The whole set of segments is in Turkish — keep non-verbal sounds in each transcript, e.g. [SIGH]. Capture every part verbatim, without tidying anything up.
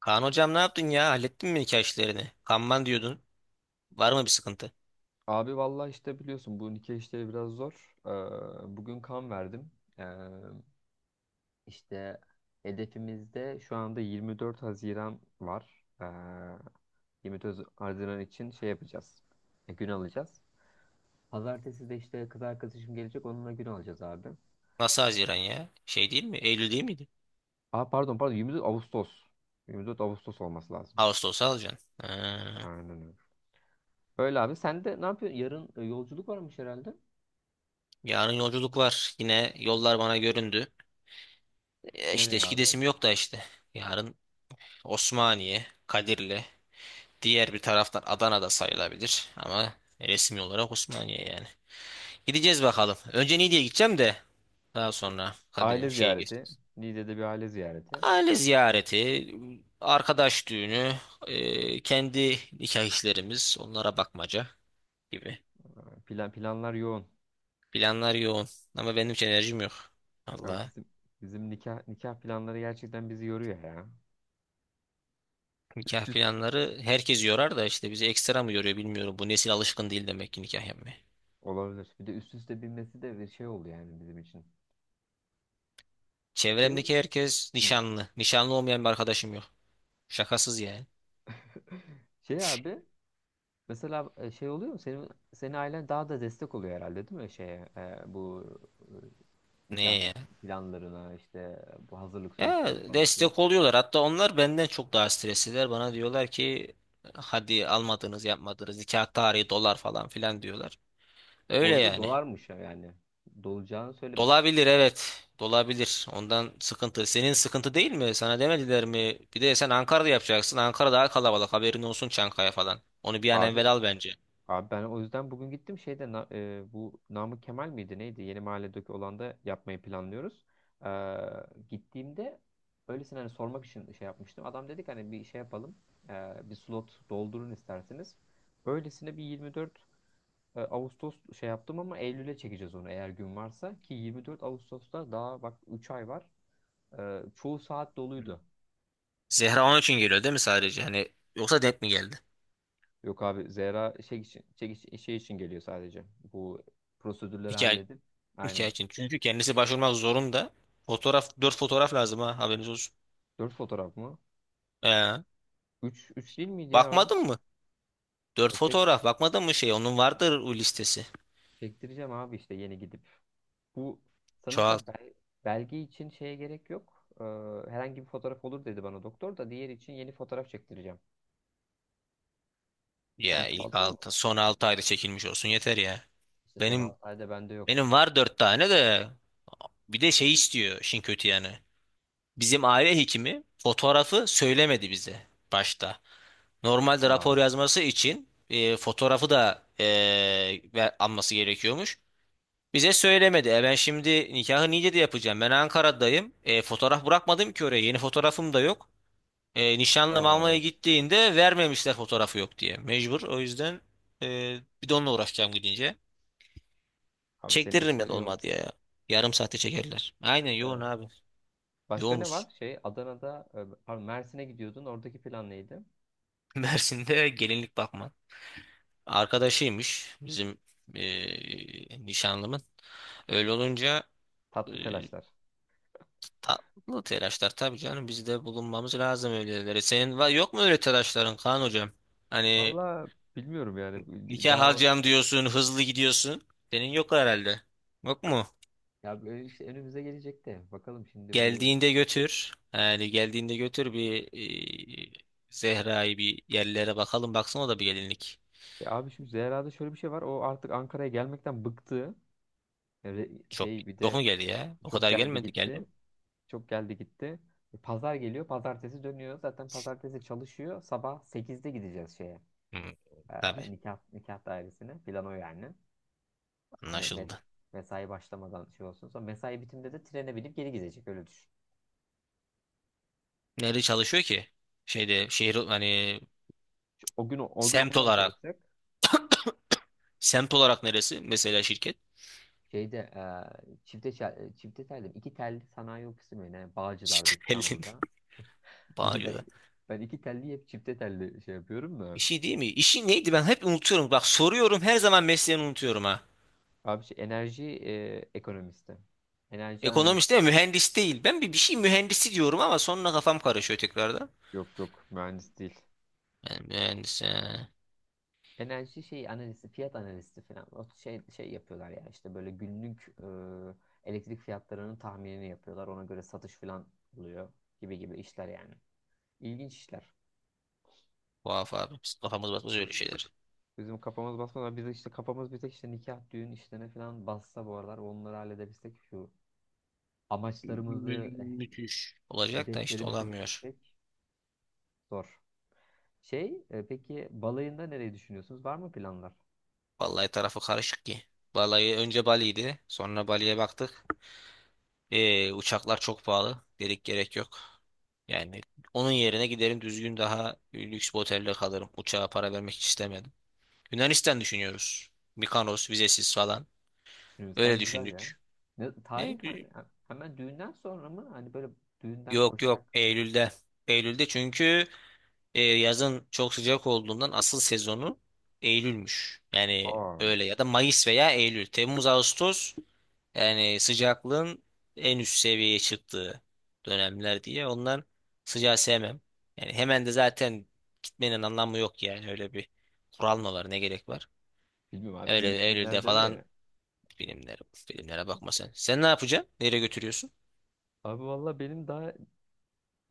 Kaan hocam ne yaptın ya? Hallettin mi nikah işlerini? Kanman diyordun. Var mı bir sıkıntı? Abi, vallahi işte biliyorsun, bu nikah işleri biraz zor. Ee, bugün kan verdim. Ee, işte hedefimizde şu anda yirmi dört Haziran var. Ee, yirmi dört Haziran için şey yapacağız. E, gün alacağız. Pazartesi de işte kız arkadaşım gelecek, onunla gün alacağız abi. Nasıl Haziran ya? Şey değil mi? Eylül değil miydi? Aa, pardon pardon, yirmi dört Ağustos. yirmi dört Ağustos olması lazım. Ağustos'a alacaksın. Ha. Aynen öyle. Öyle abi, sen de ne yapıyorsun? Yarın e, yolculuk varmış herhalde. Yarın yolculuk var. Yine yollar bana göründü. E işte Nereye abi? gidesim yok da işte. Yarın Osmaniye, Kadirli. Diğer bir taraftan Adana'da sayılabilir. Ama resmi olarak Osmaniye yani. Gideceğiz bakalım. Önce Niğde'ye gideceğim de daha Şey, sonra Aile Kadir şeye ziyareti. geçeceğiz. Niğde'de bir aile ziyareti. Aile ziyareti, arkadaş düğünü, e, kendi nikah işlerimiz, onlara bakmaca gibi. Ee, Plan, planlar yoğun. Planlar yoğun ama benim hiç enerjim yok. Ya, Allah. bizim bizim nikah nikah planları gerçekten bizi yoruyor ya. Nikah Üst üste planları herkes yorar da işte bizi ekstra mı yoruyor bilmiyorum. Bu nesil alışkın değil demek ki nikah yapmaya. olabilir. Bir de üst üste binmesi de bir şey oluyor yani bizim için. Şey ol- Çevremdeki herkes Hı. nişanlı. Nişanlı olmayan bir arkadaşım yok. Şakasız yani. [LAUGHS] Şey abi, mesela e, şey oluyor mu? Senin senin ailen daha da destek oluyor herhalde değil mi, şeye, e, bu, e, nikah Neye ya? planlarına, işte bu hazırlık Ya süreçlerine falan filan. destek oluyorlar. Hatta onlar benden çok daha stresliler. Bana diyorlar ki hadi almadınız yapmadınız nikah tarihi dolar falan filan diyorlar. Bu Öyle arada yani. dolarmış ya yani. Dolacağını söyle Dolabilir evet. Dolabilir. Ondan sıkıntı. Senin sıkıntı değil mi? Sana demediler mi? Bir de sen Ankara'da yapacaksın. Ankara daha kalabalık. Haberin olsun Çankaya falan. Onu bir an abi. evvel al bence. Abi, ben o yüzden bugün gittim şeyde, na- e, bu Namık Kemal miydi neydi? Yeni mahalledeki olan da yapmayı planlıyoruz. Ee, gittiğimde öylesine hani sormak için şey yapmıştım. Adam dedik, hani bir şey yapalım. Ee, bir slot doldurun isterseniz. Öylesine bir yirmi dört e, Ağustos şey yaptım ama Eylül'e çekeceğiz onu, eğer gün varsa. Ki yirmi dört Ağustos'ta daha bak, üç ay var. Ee, çoğu saat doluydu. Zehra onun için geliyor değil mi sadece? Hani yoksa denk mi geldi? Yok abi, Zehra şey için, şey, için- şey için geliyor sadece. Bu prosedürleri Hikaye, halledip. Aynen. hikaye için. Çünkü kendisi başvurmak zorunda. Fotoğraf, dört fotoğraf lazım ha haberiniz olsun. Dört fotoğraf mı? Ee, Üç, üç değil miydi ya o? bakmadın mı? Dört Ya Çek, fotoğraf bakmadın mı şey? Onun vardır o listesi. çektireceğim abi, işte yeni gidip. Bu Çoğalt. sanırsa bel, belge için şeye gerek yok. Ee, herhangi bir fotoğraf olur dedi bana doktor, da diğer için yeni fotoğraf çektireceğim. Sen Ya ilk çoğalttın mı? altı, son altı ayda çekilmiş olsun yeter ya. İşte son Benim altı ayda bende yok. Benim var dört tane de bir de şey istiyor işin kötü yani. Bizim aile hekimi fotoğrafı söylemedi bize başta. Normalde rapor Aa, yazması için e, fotoğrafı da e, ver- alması gerekiyormuş. Bize söylemedi. E ben şimdi nikahı Niğde'de yapacağım. Ben Ankara'dayım. E, fotoğraf bırakmadım ki oraya. Yeni fotoğrafım da yok. E, nişanlım aa, almaya evet. gittiğinde vermemişler fotoğrafı yok diye. Mecbur. O yüzden e, bir de onunla uğraşacağım gidince. Abi senin Çektiririm işler ya da yoğun. olmadı ya. Yarım saate çekerler. Aynen yoğun Ya. abi. Başka ne Yoğunuz. var? Şey Adana'da, e, pardon, Mersin'e gidiyordun. Oradaki plan neydi? [LAUGHS] Mersin'de gelinlik bakma. Arkadaşıymış bizim eee, nişanlımın. Öyle olunca Tatlı eee, telaşlar. tatlı telaşlar tabii canım. Biz de bulunmamız lazım öylelere. Senin var, yok mu öyle telaşların Kaan hocam? Hani Valla bilmiyorum yani. nikah Daha alacağım diyorsun, hızlı gidiyorsun. Senin yok herhalde. Yok mu? ya böyle işte önümüze gelecekti. Bakalım şimdi bu Geldiğinde götür. Yani geldiğinde götür bir e, Zehra'yı bir yerlere bakalım. Baksın o da bir gelinlik. ya abi, şimdi Zehra'da şöyle bir şey var. O artık Ankara'ya gelmekten bıktı. Öyle Çok şey, bir yok de mu geldi ya? O çok kadar geldi gelmedi geldi gitti. mi? Çok geldi gitti. E, Pazar geliyor. Pazartesi dönüyor. Zaten pazartesi çalışıyor. Sabah sekizde gideceğiz şeye, Hmm, e, tabii nikah nikah dairesine. Plan o yani. Hani mes- anlaşıldı. mesai başlamadan şey olsun. Sonra mesai bitiminde de trene binip geri gidecek. Öyle düşün. Nerede çalışıyor ki? Şeyde şehir hani Şu- O gün o gün semt online olarak. çalışacak. Semt olarak neresi? Mesela şirket. Şeyde e, çifte çel- çifte telli, iki telli sanayi ofisi mi ne? [LAUGHS] Bağcılar'da, Şirket belli. İstanbul'da. İyi. Bağcı'da. Ben, ben iki telli hep çifte telli şey yapıyorum Bir da. şey değil mi? İşi neydi ben hep unutuyorum. Bak soruyorum her zaman mesleğini unutuyorum ha. Abi şey enerji e, ekonomisti. Enerji analist. Ekonomist değil mi? Mühendis değil. Ben bir, bir şey mühendisi diyorum ama sonra kafam karışıyor tekrardan. Yok yok, mühendis değil. Yani mühendis yani. Enerji şey analisti, fiyat analisti falan. O şey şey yapıyorlar ya, işte böyle günlük e, elektrik fiyatlarının tahminini yapıyorlar. Ona göre satış falan oluyor, gibi gibi işler yani. İlginç işler. Tuhaf abi. Biz kafamız basmaz öyle şeyler. Bizim kafamız basmadan biz işte, kafamız bir tek işte nikah, düğün işlerine falan bassa, bu aralar onları halledebilsek, şu Mü- amaçlarımızı, müthiş. Olacak da işte hedeflerimizi olamıyor. bitirsek zor. Şey, e, peki balayında nereyi düşünüyorsunuz? Var mı planlar? Vallahi tarafı karışık ki. Vallahi önce Bali'ydi. Sonra Bali'ye baktık. Ee, uçaklar çok pahalı. Dedik gerek yok. Yani onun yerine giderim düzgün daha lüks bir otelde kalırım. Uçağa para vermek hiç istemedim. Yunanistan düşünüyoruz. Mikanos vizesiz falan. Öyle Yunanistan güzel ya. düşündük. Ne, E, tarih ha- gü- ha- hemen düğünden sonra mı? Hani böyle düğünden yok yok koşarak. Eylül'de. Eylül'de çünkü e, yazın çok sıcak olduğundan asıl sezonu Eylül'müş. Yani Aa. öyle ya da Mayıs veya Eylül. Temmuz, Ağustos yani sıcaklığın en üst seviyeye çıktığı dönemler diye ondan sıcağı sevmem. Yani hemen de zaten gitmenin anlamı yok yani öyle bir kural mı var ne gerek var? Bilmiyorum abi, film Öyle Eylül'de filmlerde öyle falan ya. filmlere, filmlere bakma sen. Sen ne yapacaksın? Nereye götürüyorsun? Abi valla, benim daha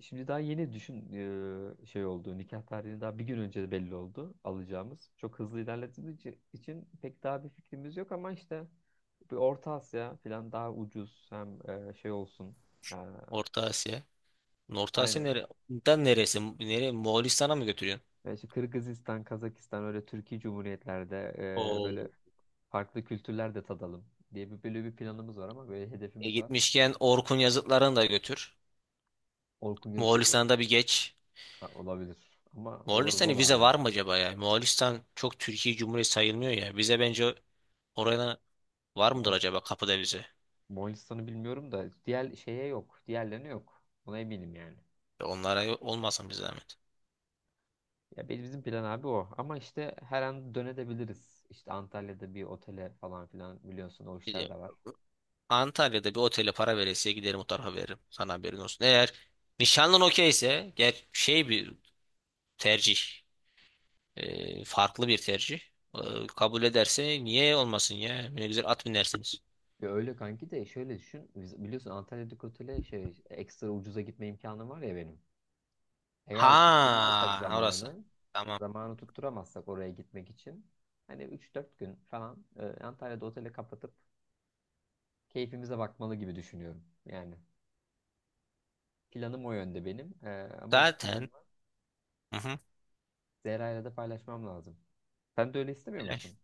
şimdi, daha yeni düşün e, şey oldu. Nikah tarihini daha bir gün önce de belli oldu alacağımız. Çok hızlı ilerlediğimiz için, için pek daha bir fikrimiz yok ama işte bir Orta Asya falan daha ucuz, hem e, şey olsun. Yani, Orta Asya. Orta Asya aynen. nere? Da neresi? Nereye? Moğolistan'a mı götürüyorsun? Yani işte Kırgızistan, Kazakistan öyle Türkiye Cumhuriyetlerde e, böyle O farklı kültürler de tadalım diye bir böyle bir planımız var ama böyle E hedefimiz var. gitmişken Orkun yazıtlarını da götür. Orkun yazıları, Moğolistan'da bir geç. ha, olabilir ama orası Moğolistan'a zor vize abi. var mı acaba ya? Moğolistan çok Türkiye Cumhuriyeti sayılmıyor ya. Vize bence oraya var mıdır Moğolis- acaba kapıda vize? Moğolistan'ı bilmiyorum da diğer şeye yok. Diğerlerine yok. Buna eminim yani. Ya Onlara olmasın bir zahmet. Ya benim- bizim plan abi o. Ama işte her an dönebiliriz. İşte Antalya'da bir otele falan filan, biliyorsun o Bir işler de de var. Antalya'da bir otele para veresiye giderim o tarafa veririm. Sana haberin olsun. Eğer nişanlın okeyse ger şey bir tercih. e, farklı bir tercih. E, kabul ederse niye olmasın ya? Ne güzel at binersiniz. Ya öyle kanki de, şöyle düşün. Biz- Biliyorsun Antalya'daki otele şey ekstra ucuza gitme imkanım var ya benim. Eğer tutturamazsak Ha orası. zamanı, Tamam. zamanı tutturamazsak oraya gitmek için hani üç dört gün falan e, Antalya'da oteli kapatıp keyfimize bakmalı gibi düşünüyorum. Yani planım o yönde benim. E, ama bu planımı Zaten hı hı, Zehra'yla da paylaşmam lazım. Sen de öyle istemiyor öyle. musun?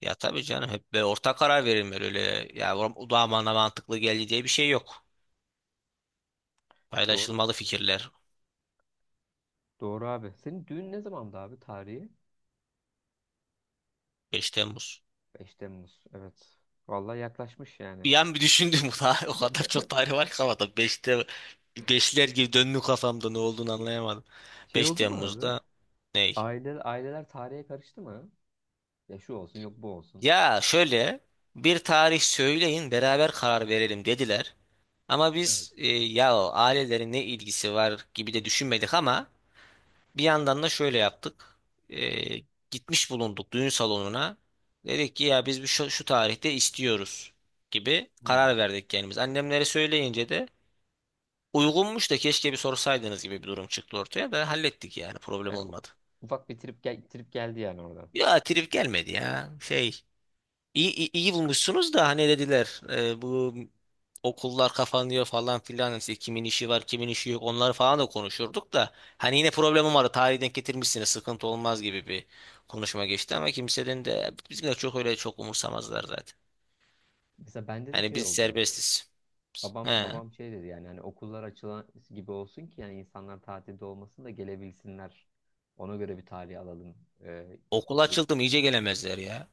Ya tabii canım hep böyle ortak karar verilmeli öyle ya o da bana mantıklı geldi diye bir şey yok. Doğru. Paylaşılmalı fikirler. Doğru abi. Senin düğün ne zamandı abi, tarihi? Beş Temmuz. beş Temmuz. Evet. Vallahi yaklaşmış yani. Bir an bir düşündüm [LAUGHS] bu o kadar çok [LAUGHS] tarih var ki kafamda Beşte beşler gibi döndü kafamda ne olduğunu anlayamadım. Şey beş oldu mu abi? Temmuz'da ney? Aile, aileler tarihe karıştı mı? Ya şu olsun yok bu olsun. Ya şöyle bir tarih söyleyin beraber karar verelim dediler. Ama Evet. biz e, ya o ailelerin ne ilgisi var gibi de düşünmedik ama bir yandan da şöyle yaptık. Ee, gitmiş bulunduk düğün salonuna. Dedik ki ya biz bir şu, şu tarihte istiyoruz gibi karar Hmm. verdik kendimiz. Annemlere söyleyince de uygunmuş da keşke bir sorsaydınız gibi bir durum çıktı ortaya da hallettik yani problem Yani olmadı. ufak bir trip, gel trip geldi yani oradan. Ya trip gelmedi ya şey. İyi iyi, iyi bulmuşsunuz da hani dediler e, bu okullar kapanıyor falan filan işte kimin işi var kimin işi yok onları falan da konuşurduk da hani yine problemim vardı tarihi denk getirmişsiniz sıkıntı olmaz gibi bir konuşma geçti ama kimsenin de bizimle çok öyle çok umursamazlar zaten. Mesela bende de Hani şey biz oldu. serbestiz. Babam He. babam şey dedi yani, hani okullar açılan gibi olsun ki yani insanlar tatilde olmasın da gelebilsinler. Ona göre bir tarih alalım. Ee, Okul e, açıldı mı iyice gelemezler ya.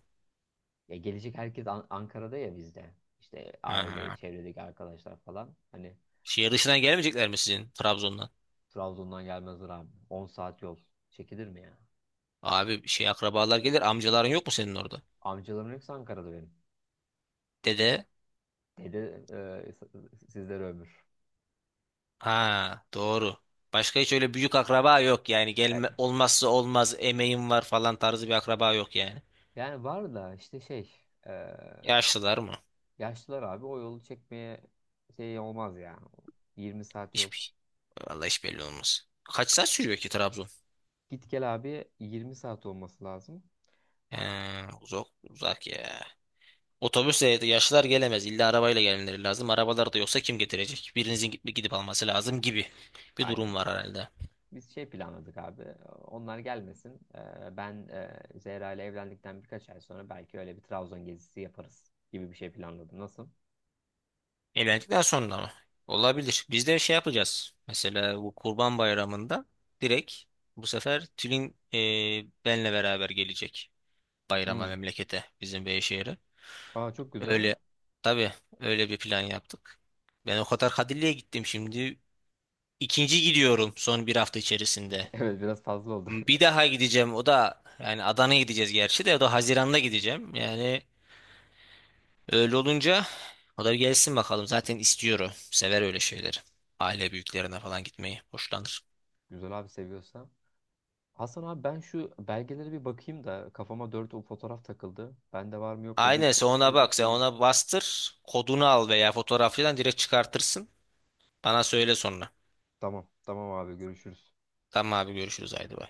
ya gelecek herkes An- Ankara'da, ya bizde. İşte aile, Ha. çevredeki arkadaşlar falan. Hani Şehir dışından gelmeyecekler mi sizin Trabzon'dan? Trabzon'dan gelmezler abi. On saat yol. Çekilir mi ya? Abi şey akrabalar gelir amcaların yok mu senin orada? Amcalarım hepsi Ankara'da benim. Dede. Dede e, s- sizlere ömür. Ha, doğru. Başka hiç öyle büyük akraba yok yani. E, Gelme, olmazsa olmaz emeğim var falan tarzı bir akraba yok yani. Yani var da işte şey, e, Yaşlılar mı? yaşlılar abi o yolu çekmeye şey olmaz ya. yirmi saat yol. Hiç, vallahi hiç belli olmaz. Kaç saat sürüyor ki Trabzon? Git gel abi, yirmi saat olması lazım. He, uzak, uzak ya. Otobüsle yaşlılar gelemez. İlla arabayla gelmeleri lazım. Arabalar da yoksa kim getirecek? Birinizin gidip, gidip alması lazım gibi bir durum Aynen. var herhalde. Biz şey planladık abi. Onlar gelmesin. Ee, Ben e, Zehra ile evlendikten birkaç ay sonra belki öyle bir Trabzon gezisi yaparız gibi bir şey planladım. Nasıl? Evlendikten sonra mı? Olabilir. Biz de şey yapacağız. Mesela bu Kurban Bayramı'nda direkt bu sefer Tülin e, benle beraber gelecek bayrama Hmm. memlekete bizim Beyşehir'e. Aa, çok güzel. Öyle tabii öyle bir plan yaptık. Ben o kadar Kadirli'ye gittim şimdi. İkinci gidiyorum son bir hafta [LAUGHS] içerisinde. Evet, biraz fazla oldu. Bir daha gideceğim o da yani Adana'ya gideceğiz gerçi de o da Haziran'da gideceğim. Yani öyle olunca o da bir gelsin bakalım. Zaten istiyor o. Sever öyle şeyleri. Aile büyüklerine falan gitmeyi hoşlanır. [LAUGHS] Güzel abi, seviyorsa. Hasan abi, ben şu belgelere bir bakayım da kafama dört o fotoğraf takıldı. Bende var mı yok mu bir Aynen sen kontrol ona edeyim bak. Sen geleyim. ona bastır. Kodunu al veya fotoğrafçıdan direkt çıkartırsın. Bana söyle sonra. Tamam, tamam abi, görüşürüz. Tamam abi görüşürüz haydi. Bay.